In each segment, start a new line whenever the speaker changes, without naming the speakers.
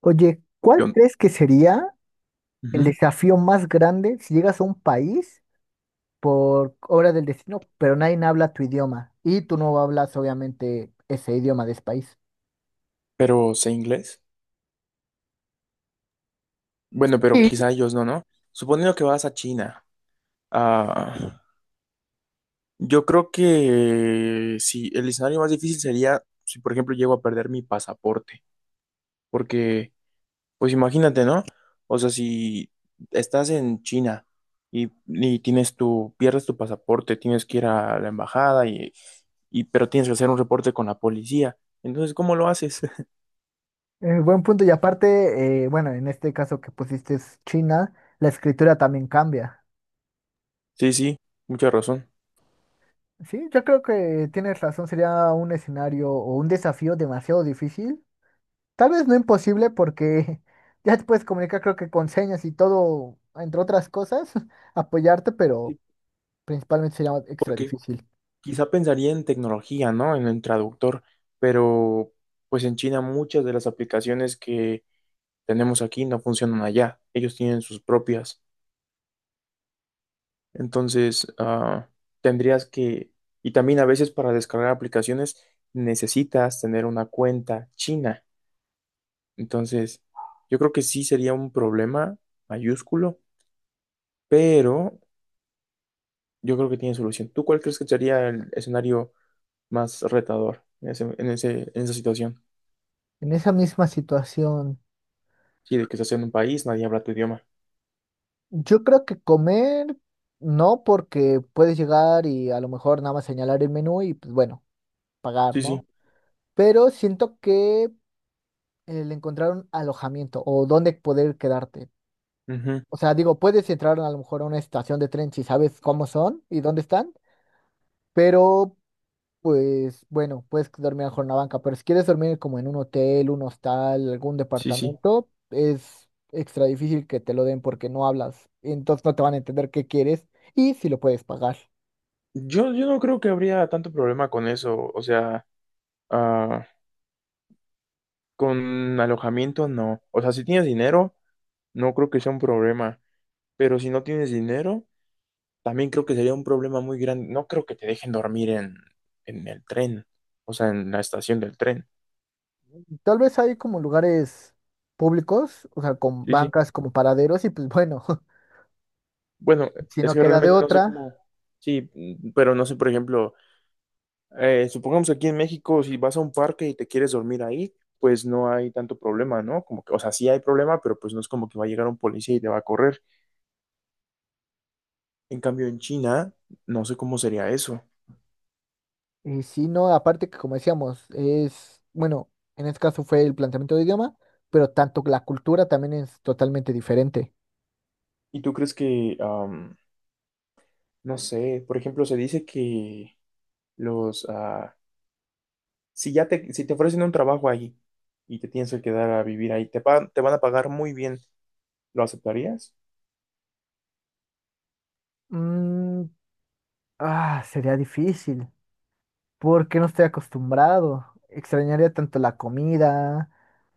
Oye, ¿cuál
Yo-
crees que sería el
ujú,
desafío más grande si llegas a un país por obra del destino, pero nadie habla tu idioma y tú no hablas obviamente ese idioma de ese país?
Pero sé inglés. Bueno, pero
Sí.
quizá ellos no, ¿no? Suponiendo que vas a China, ah, yo creo que si el escenario más difícil sería si, por ejemplo, llego a perder mi pasaporte. Porque, pues imagínate, ¿no? O sea, si estás en China y tienes pierdes tu pasaporte, tienes que ir a la embajada y, pero tienes que hacer un reporte con la policía. Entonces, ¿cómo lo haces?
Buen punto, y aparte, bueno, en este caso que pusiste es China, la escritura también cambia.
Sí, sí, mucha razón.
Sí, yo creo que tienes razón, sería un escenario o un desafío demasiado difícil, tal vez no imposible porque ya te puedes comunicar creo que con señas y todo, entre otras cosas, apoyarte, pero
Sí.
principalmente sería
¿Por
extra
qué?
difícil.
Quizá pensaría en tecnología, ¿no? En el traductor, pero pues en China muchas de las aplicaciones que tenemos aquí no funcionan allá. Ellos tienen sus propias. Entonces, tendrías que, y también a veces para descargar aplicaciones necesitas tener una cuenta china. Entonces, yo creo que sí sería un problema mayúsculo, pero yo creo que tiene solución. ¿Tú cuál crees que sería el escenario más retador en en esa situación?
En esa misma situación,
Sí, de que estás en un país, nadie habla tu idioma.
yo creo que comer no, porque puedes llegar y a lo mejor nada más señalar el menú y pues bueno, pagar,
Sí, sí.
¿no? Pero siento que el encontrar un alojamiento o dónde poder quedarte.
Ujú.
O sea, digo, puedes entrar a lo mejor a una estación de tren si sabes cómo son y dónde están, pero pues bueno, puedes dormir mejor en la banca, pero si quieres dormir como en un hotel, un hostal, algún
Sí, sí.
departamento, es extra difícil que te lo den porque no hablas, entonces no te van a entender qué quieres y si lo puedes pagar.
Yo no creo que habría tanto problema con eso. O sea, ah, con alojamiento no. O sea, si tienes dinero, no creo que sea un problema. Pero si no tienes dinero, también creo que sería un problema muy grande. No creo que te dejen dormir en el tren. O sea, en la estación del tren.
Tal vez hay como lugares públicos, o sea, con
Sí, sí.
bancas como paraderos y pues bueno,
Bueno,
si
es
no
que
queda de
realmente no sé
otra,
cómo. Sí, mm, pero no sé, por ejemplo. Supongamos que aquí en México, si vas a un parque y te quieres dormir ahí, pues no hay tanto problema, ¿no? Como que, o sea, sí hay problema, pero pues no es como que va a llegar un policía y te va a correr. En cambio, en China, no sé cómo sería eso.
y si no, aparte que como decíamos, es, bueno, en este caso fue el planteamiento de idioma, pero tanto la cultura también es totalmente diferente.
¿Y tú crees que, no sé, por ejemplo, se dice que los, si ya te, si te ofrecen un trabajo ahí y te tienes que quedar a vivir ahí, te, te van a pagar muy bien, ¿lo aceptarías?
Mm, ah, sería difícil, porque no estoy acostumbrado. Extrañaría tanto la comida,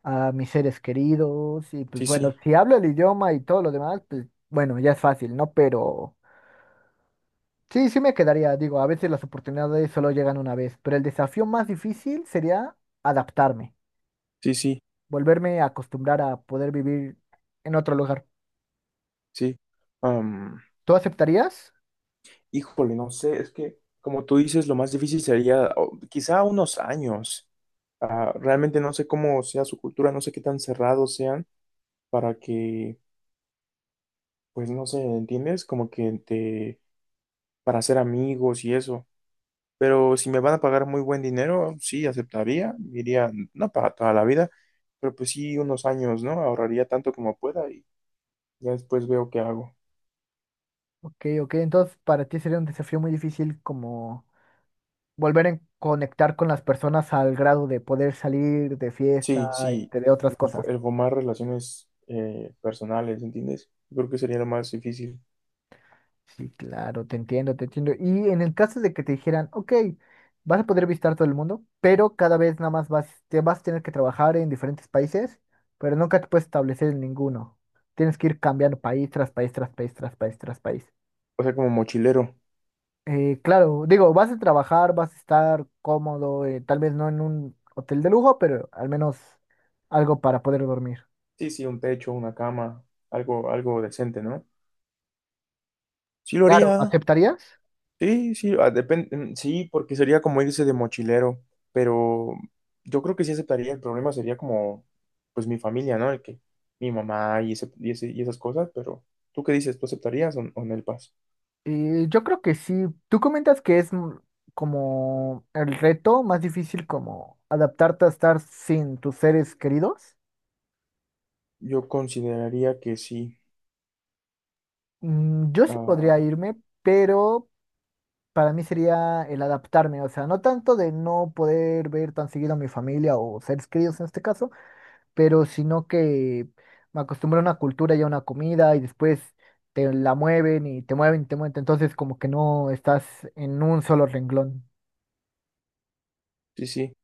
a mis seres queridos, y pues
Sí, sí,
bueno, si hablo el idioma y todo lo demás, pues bueno, ya es fácil, ¿no? Pero sí, sí me quedaría, digo, a veces las oportunidades solo llegan una vez, pero el desafío más difícil sería adaptarme,
sí, sí,
volverme a acostumbrar a poder vivir en otro lugar.
sí.
¿Tú aceptarías?
Híjole, no sé, es que como tú dices, lo más difícil sería o, quizá unos años. Ah, realmente no sé cómo sea su cultura, no sé qué tan cerrados sean para que, pues no sé, ¿entiendes? Como que te, para ser amigos y eso. Pero si me van a pagar muy buen dinero, sí, aceptaría, diría, no para toda la vida, pero pues sí, unos años, ¿no? Ahorraría tanto como pueda y ya después veo qué hago.
Ok, ok, entonces para ti sería un desafío muy difícil como volver a conectar con las personas al grado de poder salir de fiesta,
Sí, sí,
entre otras cosas.
el formar relaciones personales, ¿entiendes? Creo que sería lo más difícil.
Sí, claro, te entiendo, te entiendo. Y en el caso de que te dijeran, ok, vas a poder visitar todo el mundo, pero cada vez nada más vas, te vas a tener que trabajar en diferentes países, pero nunca te puedes establecer en ninguno. Tienes que ir cambiando país tras país, tras país, tras país, tras país.
O sea, como mochilero.
Claro, digo, vas a trabajar, vas a estar cómodo, tal vez no en un hotel de lujo, pero al menos algo para poder dormir.
Sí, sí, un techo, una cama, algo, algo decente, ¿no? Sí lo
Claro,
haría,
¿aceptarías?
sí, sí, sí, porque sería como irse de mochilero, pero yo creo que sí aceptaría, el problema sería como, pues mi familia, ¿no? El que mi mamá y, ese, y esas cosas, pero ¿tú qué dices? ¿Tú aceptarías o no el PAS?
Yo creo que sí. Tú comentas que es mm, como el reto más difícil como adaptarte a estar sin tus seres queridos.
Yo consideraría que sí,
Mm, yo sí podría
ah,
irme, pero para mí sería el adaptarme, o sea, no tanto de no poder ver tan seguido a mi familia o seres queridos en este caso, pero sino que me acostumbré a una cultura y a una comida y después te la mueven y te mueven y te mueven, entonces como que no estás en un solo renglón.
sí, sí.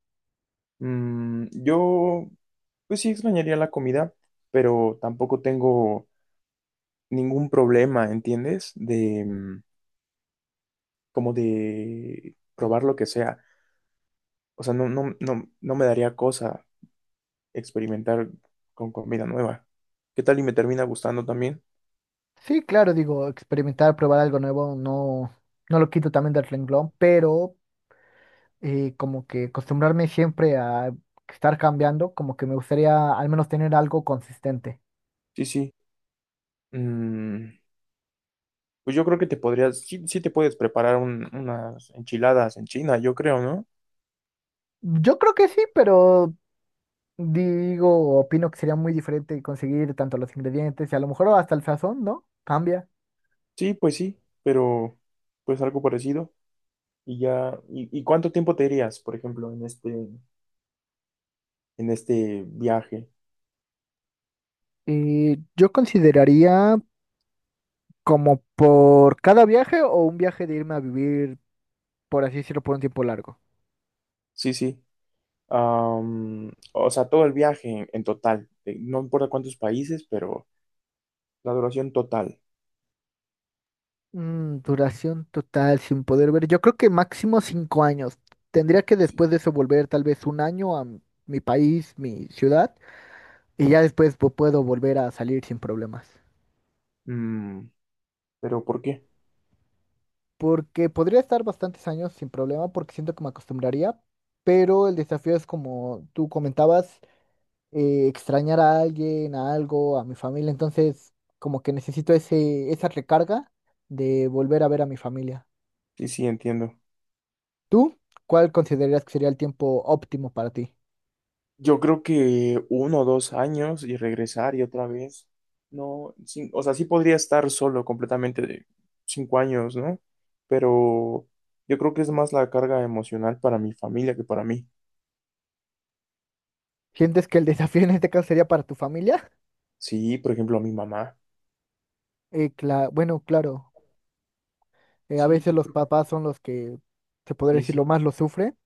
Mm, yo, pues sí extrañaría la comida, pero tampoco tengo ningún problema, ¿entiendes? De mm, como de probar lo que sea. O sea, no me daría cosa experimentar con comida nueva. ¿Qué tal y me termina gustando también?
Sí, claro, digo, experimentar, probar algo nuevo, no, no lo quito también del renglón, pero como que acostumbrarme siempre a estar cambiando, como que me gustaría al menos tener algo consistente.
Sí, sí. Mm, pues yo creo que te podrías, sí, sí te puedes preparar unas enchiladas en China, yo creo, ¿no?
Yo creo que sí, pero digo, opino que sería muy diferente conseguir tanto los ingredientes y a lo mejor hasta el sazón, ¿no? Cambia.
Sí, pues sí, pero pues algo parecido. Y ya, ¿y cuánto tiempo te irías, por ejemplo, en este viaje?
Yo consideraría como por cada viaje o un viaje de irme a vivir, por así decirlo, por un tiempo largo.
Sí, sí. Am, o sea, todo el viaje en total. No importa cuántos países, pero la duración total.
Mm, duración total sin poder ver. Yo creo que máximo 5 años. Tendría que
Sí.
después de eso volver tal vez un año a mi país, mi ciudad, y ya después puedo volver a salir sin problemas.
Mm, pero ¿por qué?
Porque podría estar bastantes años sin problema porque siento que me acostumbraría, pero el desafío es como tú comentabas, extrañar a alguien, a algo, a mi familia. Entonces, como que necesito esa recarga de volver a ver a mi familia.
Sí, sí, entiendo.
¿Tú? ¿Cuál considerarías que sería el tiempo óptimo para ti?
Yo creo que uno o dos años y regresar y otra vez. No, sí, o sea, sí podría estar solo completamente de cinco años, ¿no? Pero yo creo que es más la carga emocional para mi familia que para mí.
¿Sientes que el desafío en este caso sería para tu familia?
Sí, por ejemplo, a mi mamá.
Bueno, claro, a
Sí,
veces
yo
los
creo que
papás son los que, se podría
sí,
decir, lo
sí.
más lo sufren.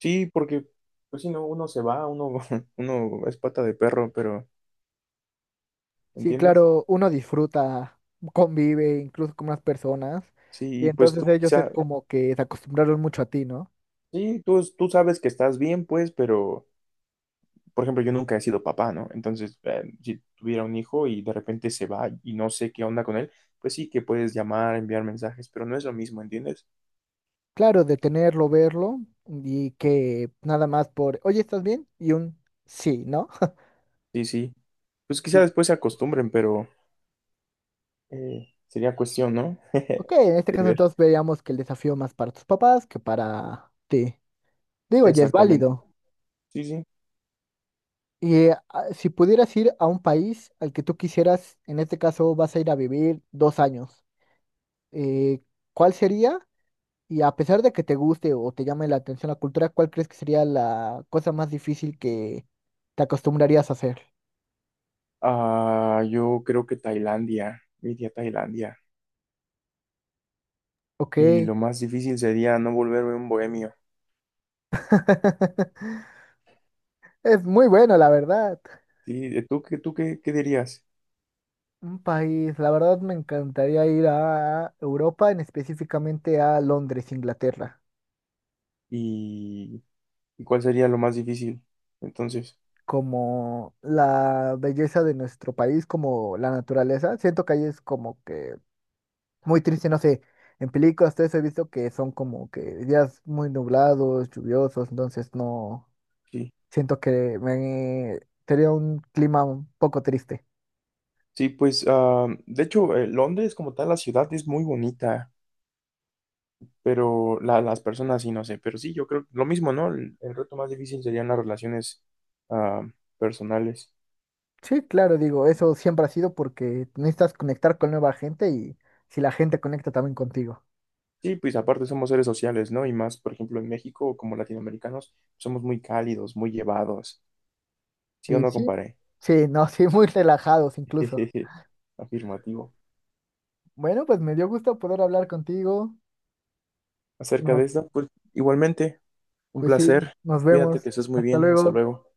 Sí, porque, pues si no, uno se va, uno, uno es pata de perro, pero,
Sí,
¿entiendes?
claro, uno disfruta, convive incluso con unas personas,
Sí,
y
y pues
entonces
tú
ellos
quizá,
es como que se acostumbraron mucho a ti, ¿no?
sí, tú sabes que estás bien, pues, pero, por ejemplo, yo nunca he sido papá, ¿no? Entonces, si tuviera un hijo y de repente se va y no sé qué onda con él, pues sí que puedes llamar, enviar mensajes, pero no es lo mismo, ¿entiendes?
Claro, de tenerlo, verlo, y que nada más por, oye, ¿estás bien? Y un sí, ¿no?
Sí, sí. Pues quizá
Sí.
después se acostumbren, pero sería cuestión, ¿no?
Ok, en este
De
caso
ver.
entonces veríamos que el desafío más para tus papás que para ti. Digo, ya es
Exactamente.
válido.
Sí, sí.
Y si pudieras ir a un país al que tú quisieras, en este caso vas a ir a vivir 2 años, eh, ¿cuál sería? Y a pesar de que te guste o te llame la atención la cultura, ¿cuál crees que sería la cosa más difícil que te acostumbrarías a hacer?
Ah, yo creo que Tailandia, iría a Tailandia.
Ok,
Y lo más difícil sería no volverme un bohemio.
es muy bueno, la verdad.
Sí, ¿y qué dirías?
Un país, la verdad me encantaría ir a Europa, en específicamente a Londres, Inglaterra.
¿Y, y cuál sería lo más difícil? Entonces,
Como la belleza de nuestro país, como la naturaleza. Siento que ahí es como que muy triste, no sé, en películas todo eso he visto que son como que días muy nublados, lluviosos, entonces no,
sí.
siento que me sería un clima un poco triste.
Sí, pues, de hecho, Londres como tal, la ciudad es muy bonita, pero las personas sí, no sé. Pero sí, yo creo lo mismo, ¿no? El reto más difícil serían las relaciones ah, personales.
Sí, claro, digo, eso siempre ha sido porque necesitas conectar con nueva gente y si la gente conecta también contigo.
Sí, pues aparte somos seres sociales, ¿no? Y más, por ejemplo, en México, como latinoamericanos, somos muy cálidos, muy llevados. ¿Sí o
Y
no,
sí,
comparé?
sí, no, sí, muy relajados incluso.
Afirmativo.
Bueno, pues me dio gusto poder hablar contigo.
Acerca
Nos
de esto, pues igualmente, un
pues sí,
placer.
nos
Cuídate, que
vemos.
estés muy
Hasta
bien. Hasta
luego.
luego.